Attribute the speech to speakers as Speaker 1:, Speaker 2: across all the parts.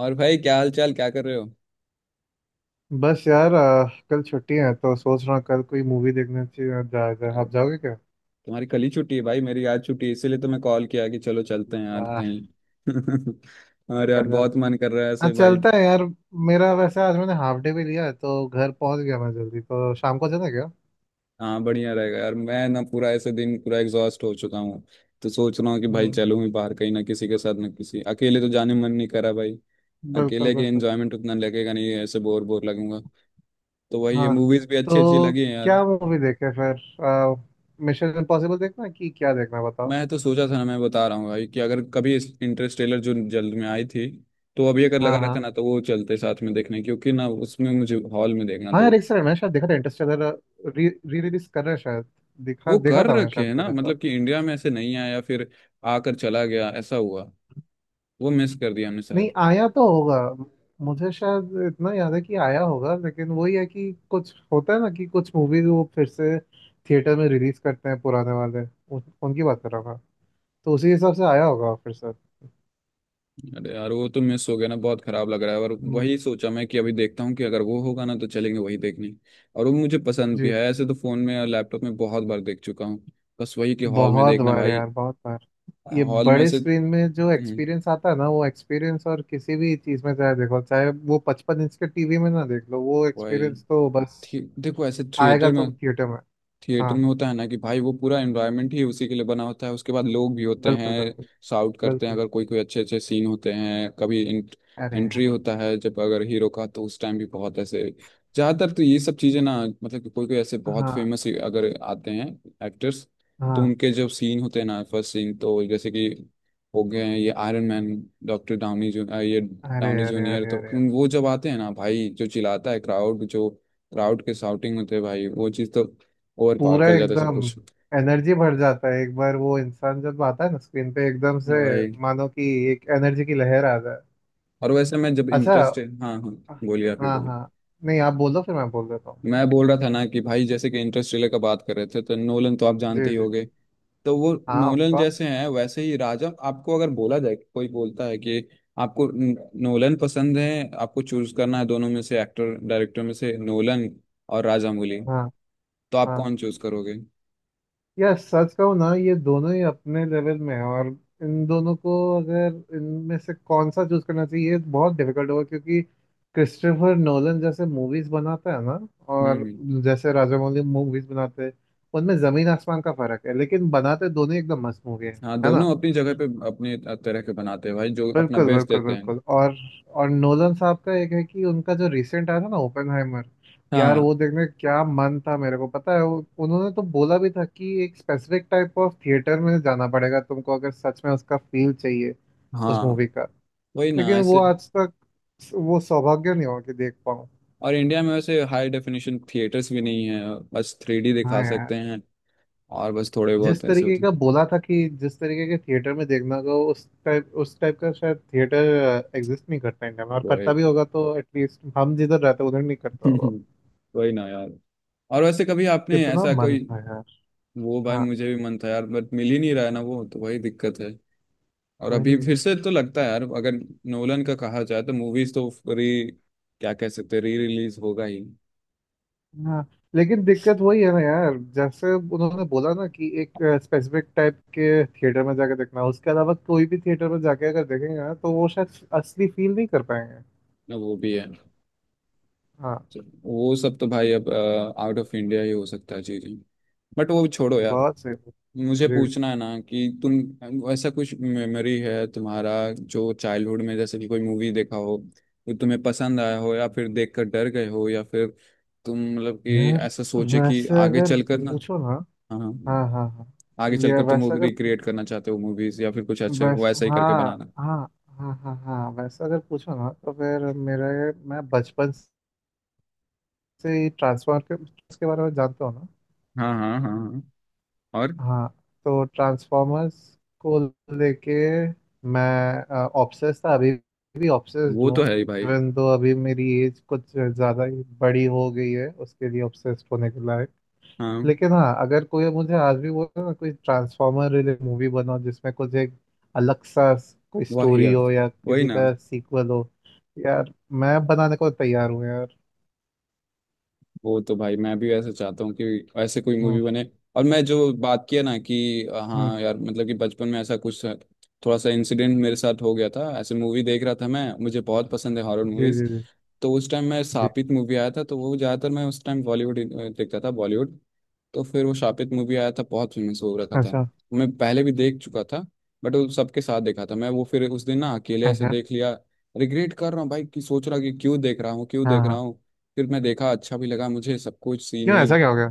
Speaker 1: और भाई क्या हाल चाल, क्या कर रहे हो?
Speaker 2: बस यार कल छुट्टी है तो सोच रहा हूँ कल कोई मूवी देखने चाहिए, जाया जाए। आप
Speaker 1: अरे,
Speaker 2: जाओगे क्या?
Speaker 1: तुम्हारी कल ही छुट्टी है भाई, मेरी आज छुट्टी है इसीलिए तो मैं कॉल किया कि चलो चलते हैं यार
Speaker 2: वाह।
Speaker 1: कहीं। और यार
Speaker 2: कल आप।
Speaker 1: बहुत मन कर रहा है
Speaker 2: हाँ,
Speaker 1: ऐसे भाई।
Speaker 2: चलता है यार। मेरा वैसे आज मैंने हाफ डे भी लिया है तो घर पहुंच गया मैं जल्दी, तो शाम को चलें क्या?
Speaker 1: हाँ बढ़िया रहेगा यार, मैं ना पूरा ऐसे दिन पूरा एग्जॉस्ट हो चुका हूँ। तो सोच रहा हूँ कि भाई
Speaker 2: हम्म,
Speaker 1: चलूँ ही बाहर कहीं, ना किसी के साथ ना किसी, अकेले तो जाने मन नहीं करा भाई।
Speaker 2: बिल्कुल
Speaker 1: अकेले के
Speaker 2: बिल्कुल।
Speaker 1: एंजॉयमेंट उतना लगेगा नहीं, ऐसे बोर बोर लगूंगा। तो वही, ये
Speaker 2: हाँ,
Speaker 1: मूवीज भी अच्छी अच्छी
Speaker 2: तो
Speaker 1: लगी हैं यार।
Speaker 2: क्या मूवी देखे फिर? मिशन इम्पॉसिबल देखना है कि क्या देखना है बताओ।
Speaker 1: मैं तो सोचा था ना, मैं बता रहा हूँ भाई कि अगर कभी इस इंटरस्टेलर जो जल्द में आई थी, तो अभी अगर लगा
Speaker 2: हाँ
Speaker 1: रहता
Speaker 2: हाँ।
Speaker 1: ना तो वो चलते साथ में देखने, क्योंकि ना उसमें मुझे हॉल में देखना
Speaker 2: हाँ
Speaker 1: था वो।
Speaker 2: यार, एक सेकंड, मैंने शायद देखा था इंटरस्टेलर। री रिलीज कर रहे हैं शायद। दिखा
Speaker 1: वो
Speaker 2: देखा
Speaker 1: कर
Speaker 2: था मैंने
Speaker 1: रखे
Speaker 2: शायद
Speaker 1: हैं
Speaker 2: कुछ
Speaker 1: ना,
Speaker 2: ऐसा।
Speaker 1: मतलब कि इंडिया में ऐसे नहीं आया, फिर आकर चला गया ऐसा हुआ। वो मिस कर दिया हमने
Speaker 2: नहीं
Speaker 1: शायद।
Speaker 2: आया तो होगा, मुझे शायद इतना याद है कि आया होगा, लेकिन वही है कि कुछ होता है ना कि कुछ मूवीज वो फिर से थिएटर में रिलीज करते हैं पुराने वाले। उनकी बात कर रहा था, तो उसी हिसाब से आया होगा फिर से।
Speaker 1: अरे यार वो तो मिस हो गया ना, बहुत खराब लग रहा है। और
Speaker 2: हम्म,
Speaker 1: वही सोचा मैं कि अभी देखता हूँ कि अगर वो होगा ना तो चलेंगे वही देखने। और वो मुझे पसंद भी
Speaker 2: जी।
Speaker 1: है ऐसे, तो फोन में और लैपटॉप में बहुत बार देख चुका हूँ। बस वही कि हॉल में
Speaker 2: बहुत
Speaker 1: देखना
Speaker 2: बार
Speaker 1: भाई।
Speaker 2: यार, बहुत बार। ये
Speaker 1: हॉल में
Speaker 2: बड़े
Speaker 1: से।
Speaker 2: स्क्रीन में जो
Speaker 1: हम्म,
Speaker 2: एक्सपीरियंस आता है ना, वो एक्सपीरियंस और किसी भी चीज में, चाहे देखो, चाहे वो पचपन इंच के टीवी में ना देख लो, वो
Speaker 1: वही।
Speaker 2: एक्सपीरियंस तो बस
Speaker 1: देखो ऐसे
Speaker 2: आएगा
Speaker 1: थिएटर
Speaker 2: तो
Speaker 1: में।
Speaker 2: थिएटर में। हाँ
Speaker 1: थिएटर में
Speaker 2: हाँ,
Speaker 1: होता है ना कि भाई, वो पूरा एनवायरनमेंट ही उसी के लिए बना होता है, उसके बाद लोग भी होते
Speaker 2: बिल्कुल
Speaker 1: हैं,
Speaker 2: बिल्कुल
Speaker 1: शाउट करते हैं
Speaker 2: बिल्कुल।
Speaker 1: अगर कोई कोई अच्छे अच्छे सीन होते हैं कभी।
Speaker 2: अरे यार।
Speaker 1: एंट्री होता है जब अगर हीरो का, तो उस टाइम भी बहुत ऐसे, ज़्यादातर तो ये सब चीज़ें ना, मतलब कि कोई कोई ऐसे बहुत
Speaker 2: हाँ
Speaker 1: फेमस अगर आते हैं एक्टर्स, तो
Speaker 2: हाँ।
Speaker 1: उनके जो सीन होते हैं ना, फर्स्ट सीन। तो जैसे कि हो गए हैं ये आयरन मैन, डॉक्टर डाउनी, ये
Speaker 2: अरे
Speaker 1: डाउनी
Speaker 2: अरे
Speaker 1: जूनियर,
Speaker 2: अरे
Speaker 1: तो
Speaker 2: अरे।
Speaker 1: वो जब आते हैं ना भाई, जो चिल्लाता है क्राउड, जो क्राउड के शाउटिंग होते हैं भाई, वो चीज़ तो और पार
Speaker 2: पूरा
Speaker 1: कर जाते सब
Speaker 2: एकदम
Speaker 1: कुछ।
Speaker 2: एनर्जी भर जाता है एक बार वो इंसान जब आता है ना स्क्रीन पे एकदम
Speaker 1: या
Speaker 2: से।
Speaker 1: भाई।
Speaker 2: मानो कि एक एनर्जी की लहर आ जाए।
Speaker 1: और वैसे मैं जब
Speaker 2: अच्छा।
Speaker 1: इंटरेस्ट, हाँ हाँ बोलिए, आप ही
Speaker 2: हाँ
Speaker 1: बोलिए।
Speaker 2: हाँ। नहीं, आप बोलो, फिर मैं बोल देता हूँ।
Speaker 1: मैं बोल रहा था ना कि भाई, जैसे कि इंटरेस्टेलर का बात कर रहे थे, तो नोलन तो आप जानते
Speaker 2: जी
Speaker 1: ही
Speaker 2: जी।
Speaker 1: होंगे। तो वो,
Speaker 2: हाँ, ऑफ
Speaker 1: नोलन
Speaker 2: कोर्स।
Speaker 1: जैसे हैं वैसे ही राजा, आपको अगर बोला जाए, कोई बोलता है कि आपको नोलन पसंद है, आपको चूज करना है दोनों में से, एक्टर डायरेक्टर में से, नोलन और राजामौली,
Speaker 2: हाँ।
Speaker 1: तो आप
Speaker 2: हाँ
Speaker 1: कौन चूज करोगे?
Speaker 2: यार, सच कहूँ ना, ये दोनों ही अपने लेवल में है, और इन दोनों को, अगर इनमें से कौन सा चूज करना चाहिए, ये बहुत डिफिकल्ट होगा, क्योंकि क्रिस्टोफर नोलन जैसे मूवीज बनाता है ना, और
Speaker 1: हम्म।
Speaker 2: जैसे राजामौली मूवीज बनाते हैं, उनमें जमीन आसमान का फर्क है, लेकिन बनाते दोनों ही एकदम मस्त मूवी है।
Speaker 1: हाँ
Speaker 2: है ना।
Speaker 1: दोनों अपनी जगह पे अपने तरह के बनाते हैं भाई, जो अपना
Speaker 2: बिल्कुल
Speaker 1: बेस्ट
Speaker 2: बिल्कुल
Speaker 1: देते हैं।
Speaker 2: बिल्कुल। और नोलन साहब का एक है कि उनका जो रिसेंट आया था ना, ओपेनहाइमर। यार
Speaker 1: हाँ
Speaker 2: वो देखने का क्या मन था मेरे को, पता है। वो- उन्होंने तो बोला भी था कि एक स्पेसिफिक टाइप ऑफ थिएटर में जाना पड़ेगा तुमको अगर सच में उसका फील चाहिए उस मूवी
Speaker 1: हाँ।
Speaker 2: का।
Speaker 1: वही ना
Speaker 2: लेकिन वो
Speaker 1: ऐसे।
Speaker 2: आज तक वो सौभाग्य नहीं हुआ कि देख पाऊँ।
Speaker 1: और इंडिया में वैसे हाई डेफिनेशन थिएटर्स भी नहीं है, बस थ्री डी
Speaker 2: हाँ
Speaker 1: दिखा सकते
Speaker 2: यार।
Speaker 1: हैं, और बस थोड़े
Speaker 2: जिस
Speaker 1: बहुत ऐसे
Speaker 2: तरीके
Speaker 1: होते हैं।
Speaker 2: का बोला था, कि जिस तरीके के थिएटर में देखना होगा, उस टाइप का शायद थिएटर एग्जिस्ट नहीं करता इंडिया में,
Speaker 1: तो
Speaker 2: और
Speaker 1: वही।
Speaker 2: करता भी होगा तो एटलीस्ट हम जिधर रहते हैं उधर नहीं करता होगा।
Speaker 1: वही ना यार। और वैसे कभी आपने
Speaker 2: कितना
Speaker 1: ऐसा
Speaker 2: मन
Speaker 1: कोई।
Speaker 2: था यार।
Speaker 1: वो भाई
Speaker 2: हाँ
Speaker 1: मुझे भी मन था यार, बट मिल ही नहीं रहा है ना वो, तो वही दिक्कत है। और अभी
Speaker 2: वही।
Speaker 1: फिर से तो लगता है यार अगर नोलन का कहा जाए, तो मूवीज तो री क्या कह सकते हैं, री रिलीज होगा ही।
Speaker 2: हाँ लेकिन दिक्कत वही है ना यार, जैसे उन्होंने बोला ना कि एक स्पेसिफिक टाइप के थिएटर में जाकर देखना, उसके अलावा कोई भी थिएटर में जाके अगर देखेंगे ना, तो वो शायद असली फील नहीं कर पाएंगे।
Speaker 1: ना वो भी है।
Speaker 2: हाँ।
Speaker 1: तो वो सब तो भाई अब आउट ऑफ इंडिया ही हो सकता है चीजें। बट वो छोड़ो यार,
Speaker 2: बहुत सही।
Speaker 1: मुझे
Speaker 2: जी।
Speaker 1: पूछना है ना कि तुम, ऐसा कुछ मेमोरी है तुम्हारा जो चाइल्डहुड में, जैसे कि कोई मूवी देखा हो जो तुम्हें पसंद आया हो, या फिर देखकर डर गए हो, या फिर तुम मतलब कि
Speaker 2: यार
Speaker 1: ऐसा सोचे कि
Speaker 2: वैसे
Speaker 1: आगे
Speaker 2: अगर
Speaker 1: चलकर ना,
Speaker 2: पूछो ना।
Speaker 1: हाँ हाँ,
Speaker 2: हाँ हाँ हाँ।
Speaker 1: आगे
Speaker 2: मैं
Speaker 1: चलकर तुम
Speaker 2: वैसे
Speaker 1: वो
Speaker 2: अगर पू-
Speaker 1: रिक्रिएट करना चाहते हो मूवीज, या फिर कुछ अच्छा
Speaker 2: वैसे
Speaker 1: वैसा ही करके
Speaker 2: हाँ।
Speaker 1: बनाना।
Speaker 2: हाँ हाँ हाँ हाँ, वैसे अगर पूछो ना, तो फिर मेरे, मैं बचपन से ही ट्रांसफर के उसके बारे में जानता हूँ ना।
Speaker 1: हाँ हाँ हाँ हाँ। और
Speaker 2: हाँ। तो ट्रांसफॉर्मर्स को लेके मैं ऑब्सेस्ड था, अभी भी ऑब्सेस्ड
Speaker 1: वो
Speaker 2: हूँ।
Speaker 1: तो है ही भाई।
Speaker 2: इवन तो अभी मेरी एज कुछ ज़्यादा ही बड़ी हो गई है उसके लिए ऑब्सेस्ड होने के लायक।
Speaker 1: हाँ।
Speaker 2: लेकिन हाँ, अगर कोई मुझे आज भी बोले ना कोई ट्रांसफॉर्मर रिलेटेड मूवी बनाओ जिसमें कुछ एक अलग सा कोई
Speaker 1: वही
Speaker 2: स्टोरी
Speaker 1: यार।
Speaker 2: हो या
Speaker 1: वही
Speaker 2: किसी
Speaker 1: ना।
Speaker 2: का सीक्वल हो, यार मैं बनाने को तैयार हूँ यार।
Speaker 1: वो तो भाई मैं भी ऐसे चाहता हूँ कि ऐसे कोई मूवी
Speaker 2: हम्म
Speaker 1: बने। और मैं जो बात किया ना कि
Speaker 2: हम्म।
Speaker 1: हाँ यार, मतलब कि बचपन में ऐसा कुछ थोड़ा सा इंसिडेंट मेरे साथ हो गया था। ऐसे मूवी देख रहा था मैं, मुझे बहुत पसंद है हॉरर
Speaker 2: जी
Speaker 1: मूवीज।
Speaker 2: जी जी
Speaker 1: तो उस टाइम मैं,
Speaker 2: जी।
Speaker 1: सापित मूवी आया था, तो वो ज़्यादातर, मैं उस टाइम बॉलीवुड देखता था बॉलीवुड। तो फिर वो शापित मूवी आया था, बहुत फेमस हो रखा था।
Speaker 2: अच्छा।
Speaker 1: मैं पहले भी देख चुका था, बट वो सबके साथ देखा था मैं। वो फिर उस दिन ना अकेले ऐसे
Speaker 2: अच्छा।
Speaker 1: देख लिया। रिग्रेट कर रहा हूँ भाई, कि सोच रहा कि क्यों देख रहा हूँ क्यों
Speaker 2: हाँ
Speaker 1: देख रहा
Speaker 2: हाँ।
Speaker 1: हूँ। फिर मैं देखा, अच्छा भी लगा मुझे सब कुछ, सीन
Speaker 2: क्यों?
Speaker 1: वीन।
Speaker 2: ऐसा क्या हो गया?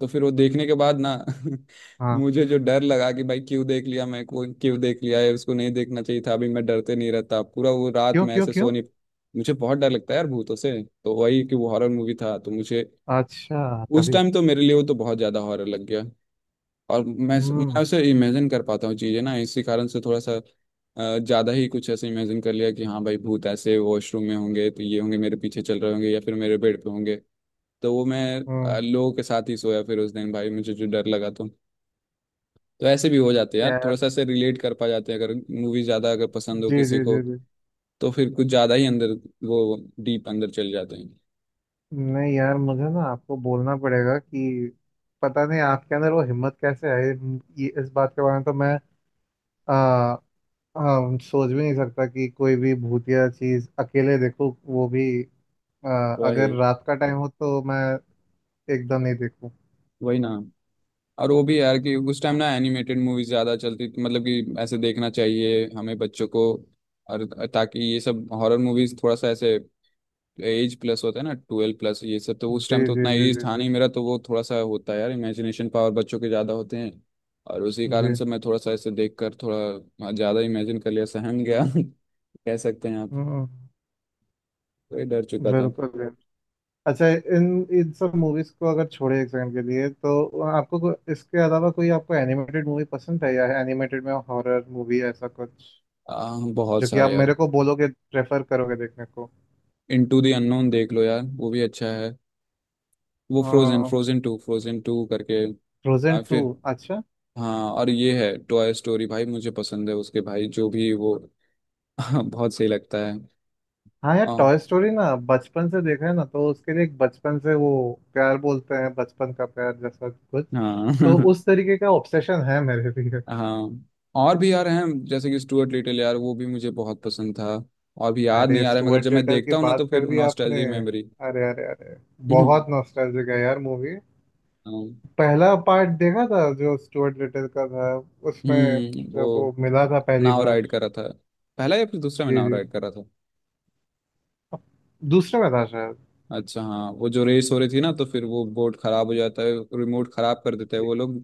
Speaker 1: तो फिर वो देखने के बाद ना
Speaker 2: हाँ।
Speaker 1: मुझे जो डर लगा कि भाई क्यों देख लिया, मैं को क्यों देख लिया है, उसको नहीं देखना चाहिए था, अभी मैं डरते नहीं रहता, पूरा वो रात
Speaker 2: क्यों
Speaker 1: मैं
Speaker 2: क्यों
Speaker 1: ऐसे
Speaker 2: क्यों?
Speaker 1: सो नहीं। मुझे बहुत डर लगता है यार भूतों से, तो वही कि वो हॉरर मूवी था, तो मुझे
Speaker 2: अच्छा
Speaker 1: उस
Speaker 2: तभी।
Speaker 1: टाइम तो मेरे लिए वो तो बहुत ज्यादा हॉरर लग गया। और मैं
Speaker 2: हम्म
Speaker 1: उसे इमेजिन कर पाता हूँ चीजें ना, इसी कारण से थोड़ा सा ज्यादा ही कुछ ऐसे इमेजिन कर लिया कि हाँ भाई, भूत ऐसे वॉशरूम में होंगे तो, ये होंगे मेरे पीछे चल रहे होंगे, या फिर मेरे बेड पे होंगे। तो वो मैं
Speaker 2: हम्म।
Speaker 1: लोगों के साथ ही सोया फिर उस दिन भाई, मुझे जो डर लगा तो। तो ऐसे भी हो जाते हैं यार,
Speaker 2: यार।
Speaker 1: थोड़ा सा ऐसे रिलेट कर पा जाते हैं अगर मूवी ज्यादा अगर पसंद हो
Speaker 2: जी
Speaker 1: किसी
Speaker 2: जी
Speaker 1: को,
Speaker 2: जी जी।
Speaker 1: तो फिर कुछ ज्यादा ही अंदर, वो डीप अंदर चल जाते हैं।
Speaker 2: नहीं यार, मुझे ना आपको बोलना पड़ेगा कि पता नहीं आपके अंदर वो हिम्मत कैसे आई। ये इस बात के बारे में तो मैं आ, आ, सोच भी नहीं सकता कि कोई भी भूतिया चीज अकेले देखूं, वो भी आ,
Speaker 1: वही।
Speaker 2: अगर रात का टाइम हो तो मैं एकदम नहीं देखूं।
Speaker 1: वही ना। और वो भी यार कि उस टाइम
Speaker 2: हाँ।
Speaker 1: ना एनिमेटेड मूवीज ज्यादा चलती थी, मतलब कि ऐसे देखना चाहिए हमें बच्चों को। और ताकि ये सब हॉरर मूवीज थोड़ा सा ऐसे, एज प्लस होता है ना, ट्वेल्व प्लस, ये सब तो उस
Speaker 2: जी
Speaker 1: टाइम तो
Speaker 2: जी
Speaker 1: उतना
Speaker 2: जी
Speaker 1: एज
Speaker 2: जी
Speaker 1: था
Speaker 2: जी
Speaker 1: नहीं मेरा, तो वो थोड़ा सा होता है यार इमेजिनेशन पावर, बच्चों के ज्यादा होते हैं। और उसी
Speaker 2: जी।
Speaker 1: कारण से मैं थोड़ा सा ऐसे देख कर थोड़ा ज्यादा इमेजिन कर लिया, सहम गया कह सकते हैं आप।
Speaker 2: हम्म।
Speaker 1: तो ये डर चुका था।
Speaker 2: बिल्कुल बिल्कुल। अच्छा, इन इन सब मूवीज को अगर छोड़े एक सेकंड के लिए, तो आपको इसके अलावा कोई आपको एनिमेटेड मूवी पसंद है, या एनिमेटेड में हॉरर मूवी ऐसा कुछ
Speaker 1: बहुत
Speaker 2: जो कि आप
Speaker 1: सारे यार।
Speaker 2: मेरे को बोलोगे प्रेफर करोगे देखने को?
Speaker 1: इन टू दी अननोन देख लो यार, वो भी अच्छा है। वो Frozen,
Speaker 2: Frozen
Speaker 1: Frozen two, Frozen two करके
Speaker 2: टू?
Speaker 1: फिर,
Speaker 2: अच्छा।
Speaker 1: हाँ। और ये है टॉय स्टोरी भाई, मुझे पसंद है, उसके भाई जो भी वो बहुत सही लगता है।
Speaker 2: हाँ यार,
Speaker 1: और
Speaker 2: टॉय स्टोरी ना बचपन से देखा है ना, तो उसके लिए एक बचपन से वो प्यार, बोलते हैं बचपन का प्यार जैसा कुछ, तो
Speaker 1: हाँ
Speaker 2: उस तरीके का ऑब्सेशन है मेरे लिए।
Speaker 1: हाँ। और भी यार हैं, जैसे कि स्टुअर्ट लिटिल यार, वो भी मुझे बहुत पसंद था। और भी याद नहीं
Speaker 2: अरे
Speaker 1: आ रहा है मगर
Speaker 2: स्टुअर्ट
Speaker 1: जब मैं
Speaker 2: लिटल की
Speaker 1: देखता हूँ ना
Speaker 2: बात
Speaker 1: तो
Speaker 2: कर
Speaker 1: फिर
Speaker 2: दी आपने।
Speaker 1: Nostalgic memory.
Speaker 2: अरे अरे अरे।
Speaker 1: हम्म।
Speaker 2: बहुत नॉस्टैल्जिक है यार मूवी।
Speaker 1: हाँ।
Speaker 2: पहला पार्ट देखा था जो स्टुअर्ट लिटिल का था, उसमें
Speaker 1: हम्म।
Speaker 2: जब
Speaker 1: वो
Speaker 2: वो मिला था पहली
Speaker 1: नाव
Speaker 2: बार।
Speaker 1: राइड कर रहा था। पहला या फिर दूसरा में
Speaker 2: जी
Speaker 1: नाव
Speaker 2: जी।
Speaker 1: राइड कर रहा था।
Speaker 2: दूसरे में था शायद।
Speaker 1: अच्छा हाँ, वो जो रेस हो रही थी ना, तो फिर वो बोर्ड खराब हो जाता है, रिमोट खराब कर देते हैं
Speaker 2: जी
Speaker 1: वो लोग,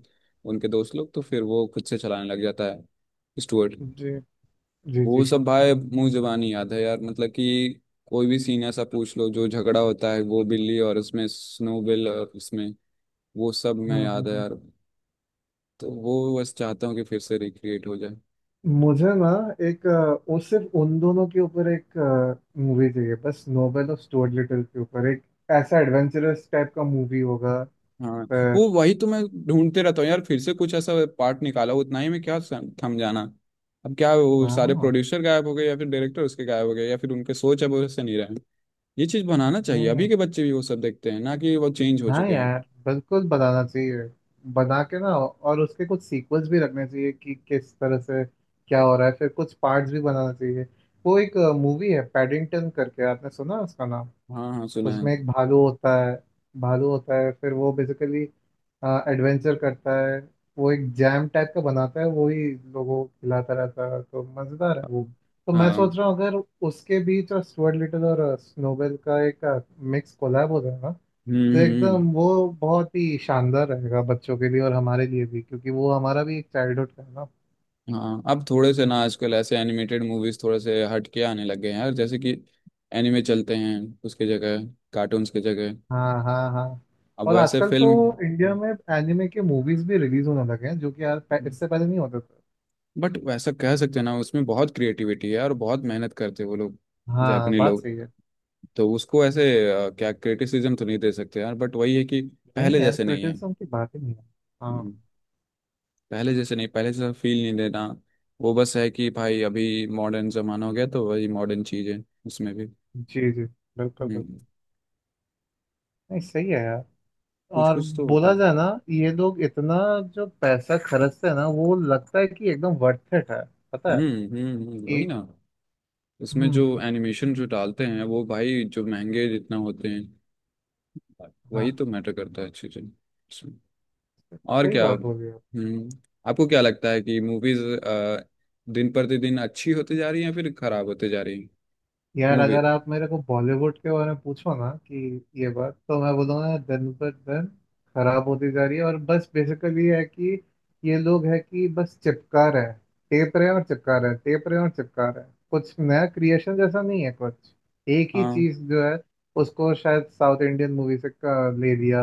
Speaker 1: उनके दोस्त लोग, तो फिर वो खुद से चलाने लग जाता है, स्टुअर्ट।
Speaker 2: जी जी जी।
Speaker 1: वो सब भाई मुंह जुबानी याद है यार, मतलब कि कोई भी सीन ऐसा पूछ लो, जो झगड़ा होता है वो बिल्ली, और उसमें स्नोबिल, और उसमें वो सब मैं
Speaker 2: हम्म हम्म
Speaker 1: याद है
Speaker 2: हम्म।
Speaker 1: यार। तो वो बस चाहता हूँ कि फिर से रिक्रिएट हो जाए।
Speaker 2: मुझे ना एक वो सिर्फ उन दोनों के ऊपर एक मूवी चाहिए बस, नोबेल और स्टुअर्ट लिटिल के ऊपर एक ऐसा एडवेंचरस टाइप का मूवी होगा,
Speaker 1: हाँ।
Speaker 2: पर।
Speaker 1: वो वही तो मैं ढूंढते रहता हूँ यार, फिर से कुछ ऐसा पार्ट निकाला उतना ही में, क्या थम जाना? अब क्या वो सारे
Speaker 2: हाँ।
Speaker 1: प्रोड्यूसर गायब हो गए, या फिर डायरेक्टर उसके गायब हो गए, या फिर उनके सोच अब वैसे नहीं रहे। ये चीज बनाना चाहिए,
Speaker 2: हम्म।
Speaker 1: अभी के बच्चे भी वो सब देखते हैं ना, कि वो चेंज हो
Speaker 2: हाँ
Speaker 1: चुके हैं।
Speaker 2: यार, बिल्कुल बताना चाहिए बना के ना, और उसके कुछ सीक्वल्स भी रखने चाहिए कि किस तरह से क्या हो रहा है, फिर कुछ पार्ट्स भी बनाना चाहिए। वो एक मूवी है पैडिंगटन करके, आपने सुना उसका नाम?
Speaker 1: हाँ हाँ सुना है।
Speaker 2: उसमें एक भालू होता है, भालू होता है, फिर वो बेसिकली एडवेंचर करता है, वो एक जैम टाइप का बनाता है, वो ही लोगों को खिलाता रहता है, तो मज़ेदार है वो। तो मैं
Speaker 1: हाँ।
Speaker 2: सोच रहा हूँ, अगर उसके बीच और स्टुअर्ट लिटिल और स्नोबेल का एक मिक्स कोलैब हो जाए ना, तो
Speaker 1: हम्म।
Speaker 2: एकदम वो बहुत ही शानदार रहेगा बच्चों के लिए और हमारे लिए भी, क्योंकि वो हमारा भी एक चाइल्डहुड का है ना।
Speaker 1: हाँ अब थोड़े से ना आजकल ऐसे एनिमेटेड मूवीज थोड़े से हटके आने लग गए हैं यार, जैसे कि एनिमे चलते हैं उसके जगह, कार्टून्स की जगह।
Speaker 2: हाँ हाँ हाँ।
Speaker 1: अब
Speaker 2: और
Speaker 1: वैसे
Speaker 2: आजकल तो इंडिया
Speaker 1: फिल्म,
Speaker 2: में एनिमे के मूवीज भी रिलीज होने लगे हैं जो कि यार इससे पहले नहीं होते थे।
Speaker 1: बट वैसा कह सकते हैं ना, उसमें बहुत क्रिएटिविटी है और बहुत मेहनत करते हैं वो लोग,
Speaker 2: हाँ
Speaker 1: जापानी
Speaker 2: बात
Speaker 1: लोग।
Speaker 2: सही है।
Speaker 1: तो उसको ऐसे क्या क्रिटिसिज्म तो नहीं दे सकते यार, बट वही है कि
Speaker 2: नहीं
Speaker 1: पहले
Speaker 2: यार,
Speaker 1: जैसे नहीं है।
Speaker 2: क्रिटिसिज्म की बात ही नहीं है। हाँ।
Speaker 1: हम्म। पहले जैसे नहीं, पहले जैसा फील नहीं देना। वो बस है कि भाई, अभी मॉडर्न जमाना हो गया, तो वही मॉडर्न चीज है उसमें भी।
Speaker 2: जी जी, बिल्कुल
Speaker 1: हम्म।
Speaker 2: बिल्कुल। नहीं सही है यार।
Speaker 1: कुछ
Speaker 2: और
Speaker 1: कुछ तो होते
Speaker 2: बोला
Speaker 1: हैं।
Speaker 2: जाए ना, ये लोग इतना जो पैसा खर्चते हैं ना, वो लगता है कि एकदम वर्थ इट है, पता है कि।
Speaker 1: वही ना। उसमें जो
Speaker 2: हम्म।
Speaker 1: एनिमेशन जो डालते हैं वो भाई, जो महंगे जितना होते हैं
Speaker 2: हाँ।
Speaker 1: वही तो मैटर करता है चीजें। और
Speaker 2: सही
Speaker 1: क्या।
Speaker 2: बात बोल रहे हो।
Speaker 1: हम्म। आपको क्या लगता है कि मूवीज दिन प्रतिदिन अच्छी होती जा रही है या फिर खराब होती जा रही है?
Speaker 2: यार
Speaker 1: मूवी।
Speaker 2: अगर आप मेरे को बॉलीवुड के बारे में पूछो ना कि, ये बात तो मैं बोलूँगा दिन पर दिन खराब होती जा रही है, और बस बेसिकली है कि ये लोग है कि बस चिपका रहे हैं, टेप रहे हैं और चिपका रहे हैं, टेप रहे हैं और चिपका रहे हैं, कुछ नया क्रिएशन जैसा नहीं है कुछ। एक ही
Speaker 1: हाँ
Speaker 2: चीज जो है उसको शायद साउथ इंडियन मूवी से का ले लिया,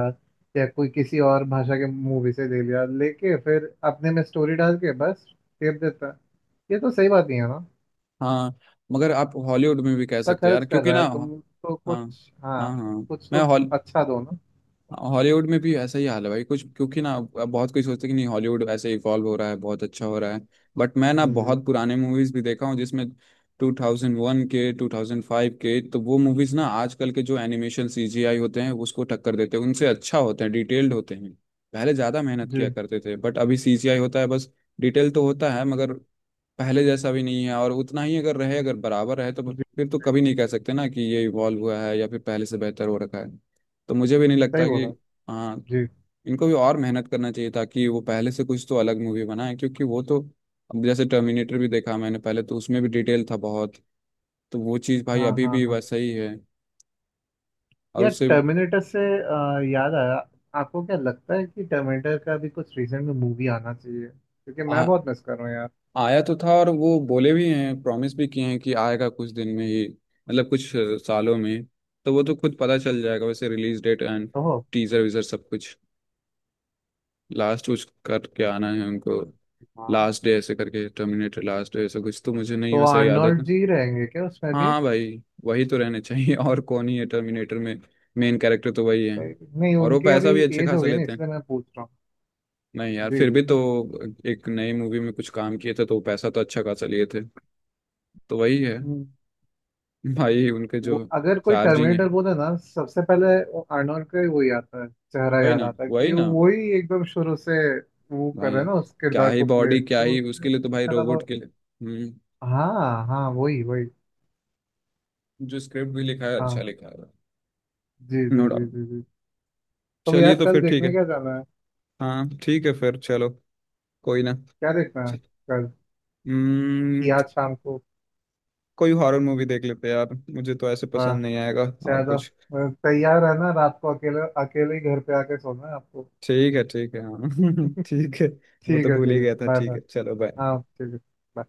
Speaker 2: या कोई किसी और भाषा के मूवी से ले लिया, लेके फिर अपने में स्टोरी डाल के बस टेप देता है। ये तो सही बात नहीं है ना।
Speaker 1: हाँ। मगर आप हॉलीवुड में भी कह
Speaker 2: इतना
Speaker 1: सकते हैं यार,
Speaker 2: खर्च कर
Speaker 1: क्योंकि
Speaker 2: रहा
Speaker 1: ना,
Speaker 2: है,
Speaker 1: हाँ।
Speaker 2: तुम तो
Speaker 1: हाँ
Speaker 2: कुछ हाँ,
Speaker 1: हाँ हाँ।
Speaker 2: कुछ
Speaker 1: मैं
Speaker 2: तो।
Speaker 1: हॉल,
Speaker 2: अच्छा दो ना।
Speaker 1: हॉलीवुड में भी ऐसा ही हाल है भाई कुछ, क्योंकि ना, अब बहुत कोई सोचते हैं कि नहीं हॉलीवुड ऐसे इवॉल्व हो रहा है, बहुत अच्छा हो रहा है। बट मैं ना
Speaker 2: जी
Speaker 1: बहुत पुराने मूवीज भी देखा हूँ जिसमें 2001 के 2005 के, तो वो मूवीज ना, आजकल के जो एनिमेशन सीजीआई होते हैं उसको टक्कर देते हैं, उनसे अच्छा होते हैं, डिटेल्ड होते हैं। पहले ज्यादा मेहनत किया
Speaker 2: जी
Speaker 1: करते थे, बट अभी सीजीआई होता है बस। डिटेल तो होता है मगर पहले जैसा भी नहीं है। और उतना ही अगर रहे, अगर बराबर रहे, तो
Speaker 2: जी जी,
Speaker 1: फिर तो कभी नहीं कह सकते ना कि ये इवॉल्व हुआ है, या फिर पहले से बेहतर हो रखा है। तो मुझे भी नहीं
Speaker 2: सही
Speaker 1: लगता कि,
Speaker 2: बोला।
Speaker 1: हाँ,
Speaker 2: जी।
Speaker 1: इनको भी और मेहनत करना चाहिए ताकि वो पहले से कुछ तो अलग मूवी बनाए, क्योंकि वो तो, अब जैसे टर्मिनेटर भी देखा मैंने पहले, तो उसमें भी डिटेल था बहुत, तो वो चीज़ भाई
Speaker 2: हाँ
Speaker 1: अभी
Speaker 2: हाँ।
Speaker 1: भी
Speaker 2: हाँ
Speaker 1: वैसा ही है। और
Speaker 2: यार,
Speaker 1: उससे,
Speaker 2: टर्मिनेटर से याद आया, आपको क्या लगता है कि टर्मिनेटर का भी कुछ रिसेंट में मूवी आना चाहिए? क्योंकि मैं बहुत मिस कर रहा हूँ यार।
Speaker 1: आया तो था, और वो बोले भी हैं, प्रॉमिस भी किए हैं कि आएगा कुछ दिन में ही, मतलब कुछ सालों में। तो वो तो खुद पता चल जाएगा वैसे, रिलीज डेट एंड
Speaker 2: ओहो।
Speaker 1: टीजर वीजर सब कुछ। लास्ट कुछ करके आना है उनको,
Speaker 2: हाँ,
Speaker 1: लास्ट डे ऐसे करके, टर्मिनेटर लास्ट डे ऐसा कुछ, तो मुझे नहीं
Speaker 2: तो
Speaker 1: वैसा याद है।
Speaker 2: आर्नोल्ड जी रहेंगे क्या उसमें भी?
Speaker 1: हाँ भाई वही तो रहने चाहिए और कौन ही है टर्मिनेटर में, मेन
Speaker 2: हम्म,
Speaker 1: कैरेक्टर तो वही है।
Speaker 2: सही नहीं,
Speaker 1: और वो
Speaker 2: उनकी
Speaker 1: पैसा
Speaker 2: अभी
Speaker 1: भी अच्छे
Speaker 2: एज हो
Speaker 1: खासा
Speaker 2: गई ना,
Speaker 1: लेते हैं।
Speaker 2: इसलिए मैं पूछ रहा
Speaker 1: नहीं यार
Speaker 2: हूँ।
Speaker 1: फिर भी
Speaker 2: जी
Speaker 1: तो, एक नई मूवी में कुछ काम किए थे तो वो पैसा तो अच्छा खासा लिए थे। तो वही है
Speaker 2: जी।
Speaker 1: भाई, उनके
Speaker 2: वो
Speaker 1: जो
Speaker 2: अगर कोई
Speaker 1: चार्जिंग है।
Speaker 2: टर्मिनेटर बोले ना, सबसे पहले वो आर्नोल्ड का ही वही आता है, चेहरा
Speaker 1: वही
Speaker 2: याद
Speaker 1: ना,
Speaker 2: आता है
Speaker 1: वही
Speaker 2: कि
Speaker 1: ना।
Speaker 2: वही एकदम शुरू से वो कर रहे
Speaker 1: भाई
Speaker 2: हैं ना उस
Speaker 1: क्या
Speaker 2: किरदार
Speaker 1: ही
Speaker 2: को प्ले,
Speaker 1: बॉडी, क्या
Speaker 2: तो
Speaker 1: ही,
Speaker 2: उससे
Speaker 1: उसके लिए तो भाई,
Speaker 2: उनका था वो-।
Speaker 1: रोबोट के लिए। हम्म।
Speaker 2: हाँ हाँ, वही वही।
Speaker 1: जो स्क्रिप्ट भी लिखा है
Speaker 2: हाँ।
Speaker 1: अच्छा लिखा है,
Speaker 2: जी
Speaker 1: नो
Speaker 2: जी जी
Speaker 1: डाउट।
Speaker 2: जी जी। तो
Speaker 1: चलिए
Speaker 2: यार
Speaker 1: तो
Speaker 2: कल
Speaker 1: फिर ठीक
Speaker 2: देखने
Speaker 1: है।
Speaker 2: क्या जाना है?
Speaker 1: हाँ ठीक है फिर चलो, कोई ना।
Speaker 2: क्या देखना है कल, कि
Speaker 1: हम्म।
Speaker 2: आज शाम को?
Speaker 1: कोई हॉरर मूवी देख लेते हैं यार, मुझे तो ऐसे
Speaker 2: वाह।
Speaker 1: पसंद नहीं आएगा। और
Speaker 2: चलो
Speaker 1: कुछ,
Speaker 2: तैयार है ना रात को अकेले अकेले ही घर पे आके सोना है आपको।
Speaker 1: ठीक है हाँ। ठीक है। वो
Speaker 2: ठीक
Speaker 1: तो
Speaker 2: है
Speaker 1: भूल
Speaker 2: ठीक
Speaker 1: ही
Speaker 2: है,
Speaker 1: गया था,
Speaker 2: बाय
Speaker 1: ठीक
Speaker 2: बाय।
Speaker 1: है चलो, बाय।
Speaker 2: हाँ ठीक है। bye।